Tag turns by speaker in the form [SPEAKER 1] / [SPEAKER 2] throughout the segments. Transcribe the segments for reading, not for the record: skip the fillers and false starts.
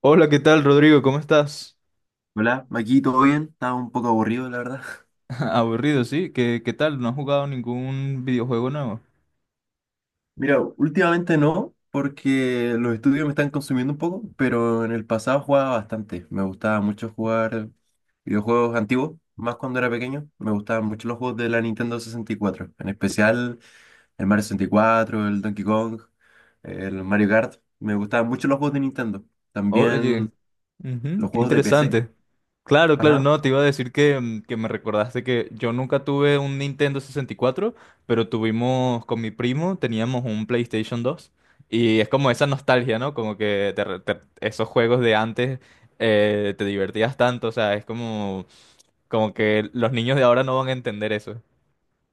[SPEAKER 1] Hola, ¿qué tal, Rodrigo? ¿Cómo estás?
[SPEAKER 2] Hola, aquí todo bien, estaba un poco aburrido, la verdad.
[SPEAKER 1] Aburrido, ¿sí? ¿¿Qué tal? ¿No has jugado ningún videojuego nuevo?
[SPEAKER 2] Mira, últimamente no, porque los estudios me están consumiendo un poco, pero en el pasado jugaba bastante. Me gustaba mucho jugar videojuegos antiguos, más cuando era pequeño. Me gustaban mucho los juegos de la Nintendo 64, en especial el Mario 64, el Donkey Kong, el Mario Kart. Me gustaban mucho los juegos de Nintendo. También
[SPEAKER 1] Oye, ujú,
[SPEAKER 2] los
[SPEAKER 1] qué
[SPEAKER 2] juegos de PC.
[SPEAKER 1] interesante. Claro, claro,
[SPEAKER 2] Ajá.
[SPEAKER 1] no, te iba a decir que me recordaste que yo nunca tuve un Nintendo sesenta y cuatro, pero tuvimos con mi primo, teníamos un PlayStation dos y es como esa nostalgia, ¿no? Como que esos juegos de antes te divertías tanto, o sea, es como como que los niños de ahora no van a entender eso.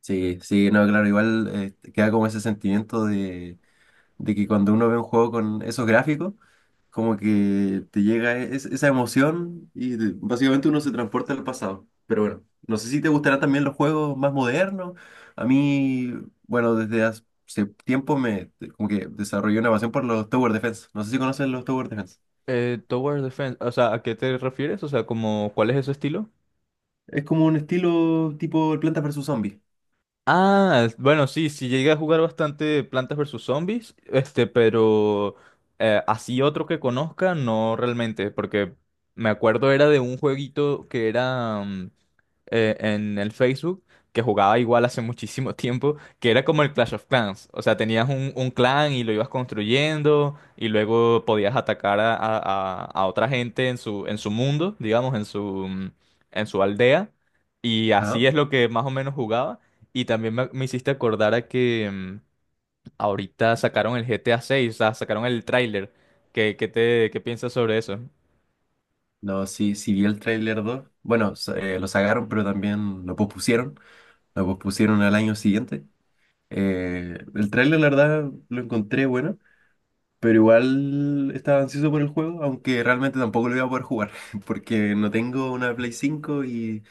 [SPEAKER 2] Sí, sí, no, claro, igual queda como ese sentimiento de que cuando uno ve un juego con esos gráficos, como que te llega esa emoción y básicamente uno se transporta al pasado. Pero bueno, no sé si te gustarán también los juegos más modernos. A mí, bueno, desde hace tiempo me como que desarrollé una pasión por los Tower Defense. No sé si conocen los Tower Defense.
[SPEAKER 1] Tower Defense, o sea, ¿a qué te refieres? O sea, como, ¿cuál es ese estilo?
[SPEAKER 2] Es como un estilo tipo el Plantas versus Zombies.
[SPEAKER 1] Ah, bueno, sí, sí llegué a jugar bastante Plantas versus Zombies, este, pero así otro que conozca, no realmente, porque me acuerdo era de un jueguito que era en el Facebook que jugaba igual hace muchísimo tiempo, que era como el Clash of Clans. O sea, tenías un clan y lo ibas construyendo y luego podías atacar a otra gente en su mundo, digamos, en su, mm, en su aldea. Y
[SPEAKER 2] Ajá.
[SPEAKER 1] así es lo que más o menos jugaba. Y también me hiciste acordar a que ahorita sacaron el GTA 6, o sea, sacaron el tráiler. ¿¿Qué qué piensas sobre eso?
[SPEAKER 2] No, sí, sí vi el tráiler 2. Bueno, lo sacaron, pero también lo pospusieron. Lo pospusieron al año siguiente. El tráiler, la verdad, lo encontré bueno, pero igual estaba ansioso por el juego, aunque realmente tampoco lo iba a poder jugar, porque no tengo una Play 5 y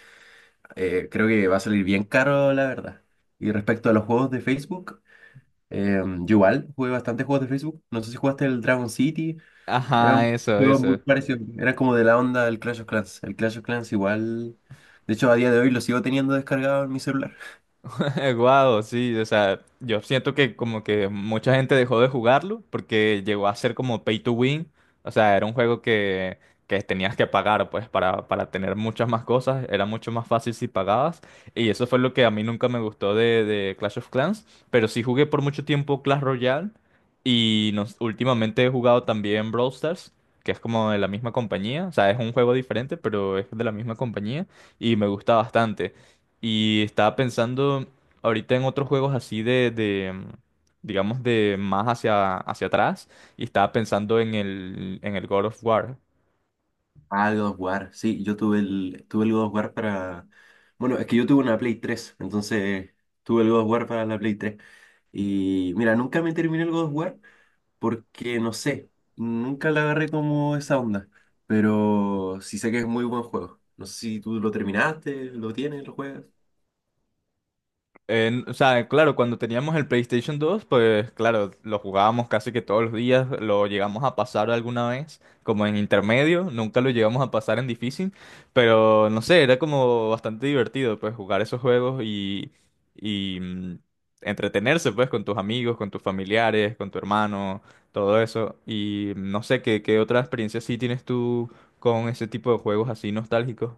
[SPEAKER 2] creo que va a salir bien caro, la verdad. Y respecto a los juegos de Facebook, yo igual jugué bastantes juegos de Facebook. No sé si jugaste el Dragon City,
[SPEAKER 1] Ajá,
[SPEAKER 2] eran
[SPEAKER 1] eso,
[SPEAKER 2] juegos muy
[SPEAKER 1] eso.
[SPEAKER 2] parecidos, eran como de la onda del Clash of Clans. El Clash of Clans igual, de hecho, a día de hoy lo sigo teniendo descargado en mi celular.
[SPEAKER 1] Guau, sí, o sea, yo siento que como que mucha gente dejó de jugarlo porque llegó a ser como pay to win, o sea, era un juego que tenías que pagar pues para tener muchas más cosas, era mucho más fácil si pagabas y eso fue lo que a mí nunca me gustó de Clash of Clans, pero sí jugué por mucho tiempo Clash Royale y nos, últimamente he jugado también Brawl Stars. Que es como de la misma compañía, o sea, es un juego diferente, pero es de la misma compañía y me gusta bastante. Y estaba pensando ahorita en otros juegos así digamos, de más hacia, hacia atrás. Y estaba pensando en en el God of War.
[SPEAKER 2] Ah, God of War. Sí, yo tuve el God of War para... Bueno, es que yo tuve una Play 3, entonces tuve el God of War para la Play 3. Y mira, nunca me terminé el God of War porque, no sé, nunca la agarré como esa onda. Pero sí sé que es muy buen juego. No sé si tú lo terminaste, lo tienes, lo juegas.
[SPEAKER 1] O sea, claro, cuando teníamos el PlayStation dos pues claro, lo jugábamos casi que todos los días, lo llegamos a pasar alguna vez, como en intermedio, nunca lo llegamos a pasar en difícil, pero no sé, era como bastante divertido, pues jugar esos juegos y entretenerse, pues, con tus amigos, con tus familiares, con tu hermano, todo eso. Y no sé, ¿¿qué otra experiencia sí tienes tú con ese tipo de juegos así nostálgicos?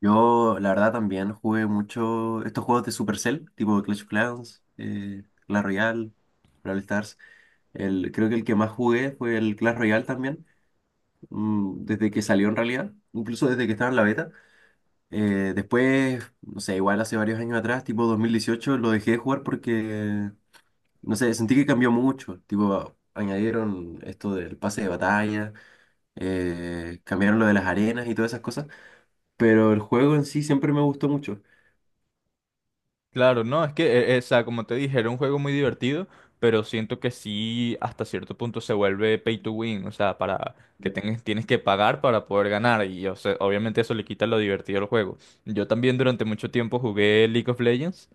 [SPEAKER 2] Yo, la verdad, también jugué mucho estos juegos de Supercell, tipo Clash of Clans, Clash Royale, Brawl Stars. El, creo que el que más jugué fue el Clash Royale también. Mm, desde que salió en realidad, incluso desde que estaba en la beta. Después, no sé, igual hace varios años atrás, tipo 2018 lo dejé de jugar porque, no sé, sentí que cambió mucho. Tipo, añadieron esto del pase de batalla, cambiaron lo de las arenas y todas esas cosas, pero el juego en sí siempre me gustó mucho.
[SPEAKER 1] Claro, no, es que, o sea, como te dije, era un juego muy divertido, pero siento que sí, hasta cierto punto se vuelve pay to win, o sea, para que
[SPEAKER 2] Ya.
[SPEAKER 1] tengas, tienes que pagar para poder ganar, y o sea, obviamente eso le quita lo divertido al juego. Yo también durante mucho tiempo jugué League of Legends,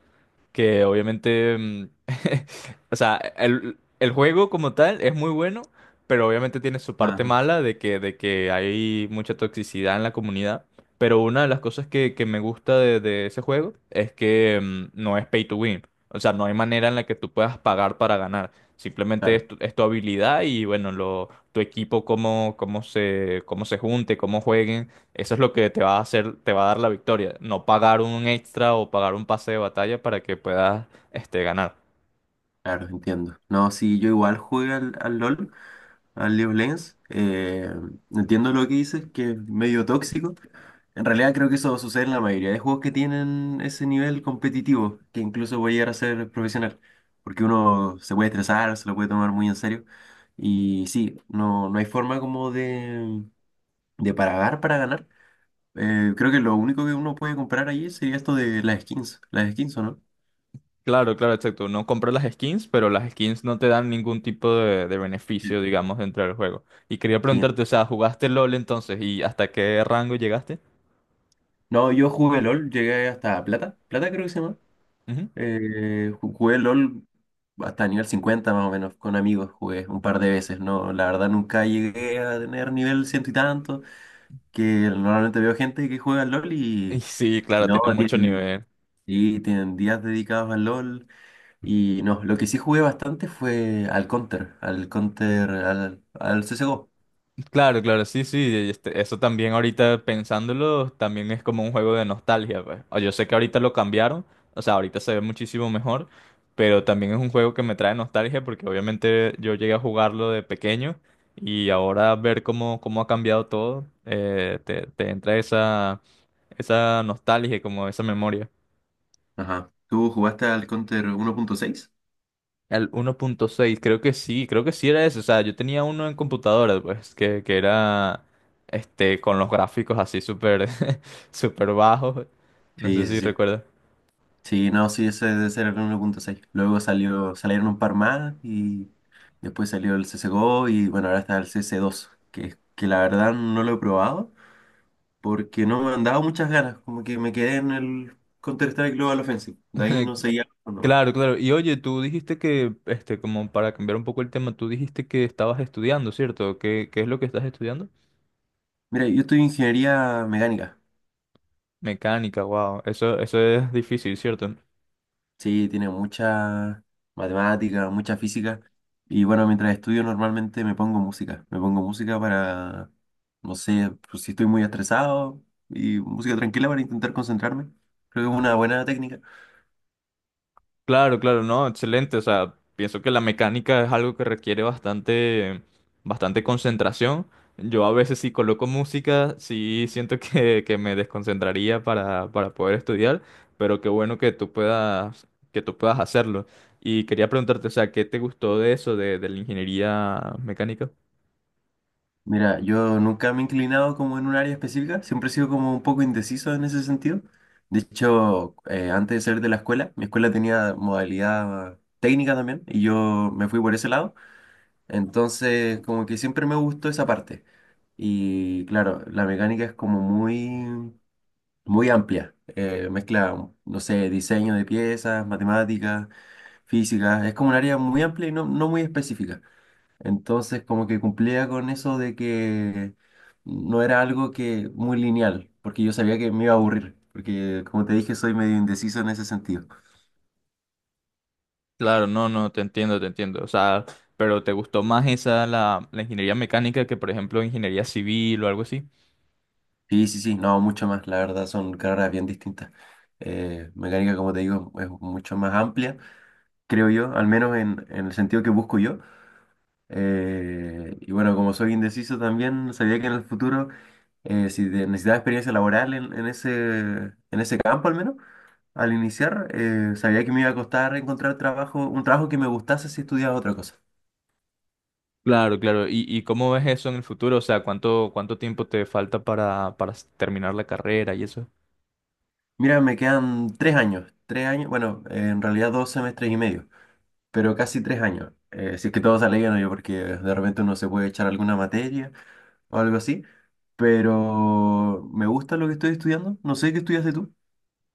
[SPEAKER 1] que obviamente, o sea, el juego como tal es muy bueno, pero obviamente tiene su parte
[SPEAKER 2] Ajá,
[SPEAKER 1] mala de que hay mucha toxicidad en la comunidad. Pero una de las cosas que me gusta de ese juego es que no es pay to win. O sea, no hay manera en la que tú puedas pagar para ganar. Simplemente
[SPEAKER 2] claro,
[SPEAKER 1] es tu habilidad y bueno, lo, tu equipo, cómo, cómo se junte, cómo jueguen eso es lo que te va a hacer, te va a dar la victoria. No pagar un extra o pagar un pase de batalla para que puedas, este, ganar.
[SPEAKER 2] claro, entiendo. No, sí, yo igual jugué al LOL. Al League of Legends. Entiendo lo que dices, que es medio tóxico. En realidad creo que eso sucede en la mayoría de juegos que tienen ese nivel competitivo, que incluso puede llegar a ser profesional, porque uno se puede estresar, se lo puede tomar muy en serio. Y sí, no, no hay forma como de pagar para ganar. Creo que lo único que uno puede comprar allí sería esto de las skins, ¿o no?
[SPEAKER 1] Claro, claro, exacto. No compras las skins, pero las skins no te dan ningún tipo de
[SPEAKER 2] Sí.
[SPEAKER 1] beneficio, digamos, dentro del juego. Y quería
[SPEAKER 2] Sí.
[SPEAKER 1] preguntarte, o sea, ¿jugaste LOL entonces? ¿Y hasta qué rango llegaste?
[SPEAKER 2] No, yo jugué LOL, llegué hasta plata, plata creo que se llama.
[SPEAKER 1] Ujú.
[SPEAKER 2] Jugué LOL hasta nivel 50 más o menos, con amigos jugué un par de veces, ¿no? La verdad nunca llegué a tener nivel ciento y tanto, que normalmente veo gente que juega al LOL
[SPEAKER 1] Y
[SPEAKER 2] y
[SPEAKER 1] sí, claro,
[SPEAKER 2] no,
[SPEAKER 1] tiene mucho
[SPEAKER 2] tienen,
[SPEAKER 1] nivel.
[SPEAKER 2] y tienen días dedicados al LOL y no, lo que sí jugué bastante fue al CSGO.
[SPEAKER 1] Claro, claro, sí, sí, este, eso también ahorita pensándolo, también es como un juego de nostalgia, pues. O yo sé que ahorita lo cambiaron, o sea, ahorita se ve muchísimo mejor, pero también es un juego que me trae nostalgia porque obviamente yo llegué a jugarlo de pequeño y ahora ver cómo ha cambiado todo, te entra esa nostalgia, y como esa memoria.
[SPEAKER 2] Ajá. ¿Tú jugaste al Counter uno punto seis?
[SPEAKER 1] Al uno punto seis creo que sí era eso. O sea, yo tenía uno en computadora, pues, que era este, con los gráficos así súper súper bajos. No sé
[SPEAKER 2] Sí, sí,
[SPEAKER 1] si
[SPEAKER 2] sí.
[SPEAKER 1] recuerdas.
[SPEAKER 2] Sí, no, sí, ese debe ser el 1.6. Luego salieron un par más y después salió el C2, CSGO, y bueno, ahora está el CS2, que la verdad no lo he probado porque no me han dado muchas ganas, como que me quedé en el Counter-Strike Global Offensive, de ahí no seguía jugando más.
[SPEAKER 1] Claro, claro. Y oye, tú dijiste que, este, como para cambiar un poco el tema, tú dijiste que estabas estudiando, ¿cierto? ¿¿Qué es lo que estás estudiando?
[SPEAKER 2] Mira, yo estudio ingeniería mecánica.
[SPEAKER 1] Mecánica, wow. Eso es difícil, ¿cierto?
[SPEAKER 2] Sí, tiene mucha matemática, mucha física. Y bueno, mientras estudio normalmente me pongo música. Me pongo música para, no sé, pues, si estoy muy estresado y música tranquila para intentar concentrarme. Creo que es una buena técnica.
[SPEAKER 1] Claro, claro, no, excelente. O sea, pienso que la mecánica es algo que requiere bastante concentración. Yo a veces si coloco música, sí siento que me desconcentraría para poder estudiar, pero qué bueno que tú puedas hacerlo. Y quería preguntarte, o sea, ¿qué te gustó de eso, de la ingeniería mecánica?
[SPEAKER 2] Mira, yo nunca me he inclinado como en un área específica. Siempre he sido como un poco indeciso en ese sentido. De hecho, antes de salir de la escuela, mi escuela tenía modalidad técnica también y yo me fui por ese lado. Entonces, como que siempre me gustó esa parte. Y claro, la mecánica es como muy, muy amplia. Mezcla, no sé, diseño de piezas, matemáticas, física. Es como un área muy amplia y no, no muy específica. Entonces, como que cumplía con eso de que no era algo que muy lineal, porque yo sabía que me iba a aburrir. Porque, como te dije, soy medio indeciso en ese sentido.
[SPEAKER 1] Claro, no, no, te entiendo, te entiendo. O sea, pero ¿te gustó más esa, la ingeniería mecánica que, por ejemplo, ingeniería civil o algo así?
[SPEAKER 2] Sí, sí, sí, no, mucho más. La verdad, son carreras bien distintas. Mecánica, como te digo, es mucho más amplia creo yo, al menos en el sentido que busco yo. Y bueno, como soy indeciso también, sabía que en el futuro, si necesitaba experiencia laboral en, en ese campo al menos, al iniciar, sabía que me iba a costar encontrar trabajo, un trabajo que me gustase si estudiaba otra cosa.
[SPEAKER 1] Claro, claro. ¿Y cómo ves eso en el futuro? O sea, ¿¿cuánto tiempo te falta para terminar la carrera y eso?
[SPEAKER 2] Mira, me quedan 3 años, 3 años, bueno, en realidad 2 semestres y medio, pero casi 3 años. Si es que todo sale bien, yo porque de repente uno se puede echar alguna materia o algo así. Pero me gusta lo que estoy estudiando. No sé qué estudiaste tú.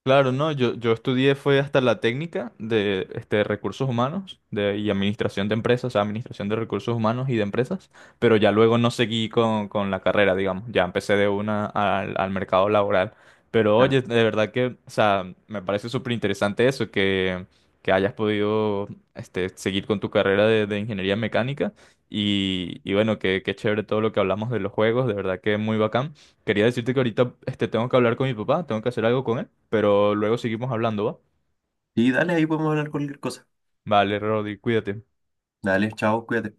[SPEAKER 1] Claro, no, yo estudié fue hasta la técnica de este, recursos humanos y administración de empresas, o sea, administración de recursos humanos y de empresas, pero ya luego no seguí con la carrera, digamos, ya empecé de una al mercado laboral. Pero oye,
[SPEAKER 2] Claro.
[SPEAKER 1] de verdad que, o sea, me parece súper interesante eso, que hayas podido este, seguir con tu carrera de ingeniería mecánica y bueno, que qué qué chévere todo lo que hablamos de los juegos, de verdad que muy bacán. Quería decirte que ahorita este, tengo que hablar con mi papá, tengo que hacer algo con él, pero luego seguimos hablando, ¿va?
[SPEAKER 2] Y dale, ahí podemos hablar cualquier cosa.
[SPEAKER 1] Vale, Rodri, cuídate.
[SPEAKER 2] Dale, chao, cuídate.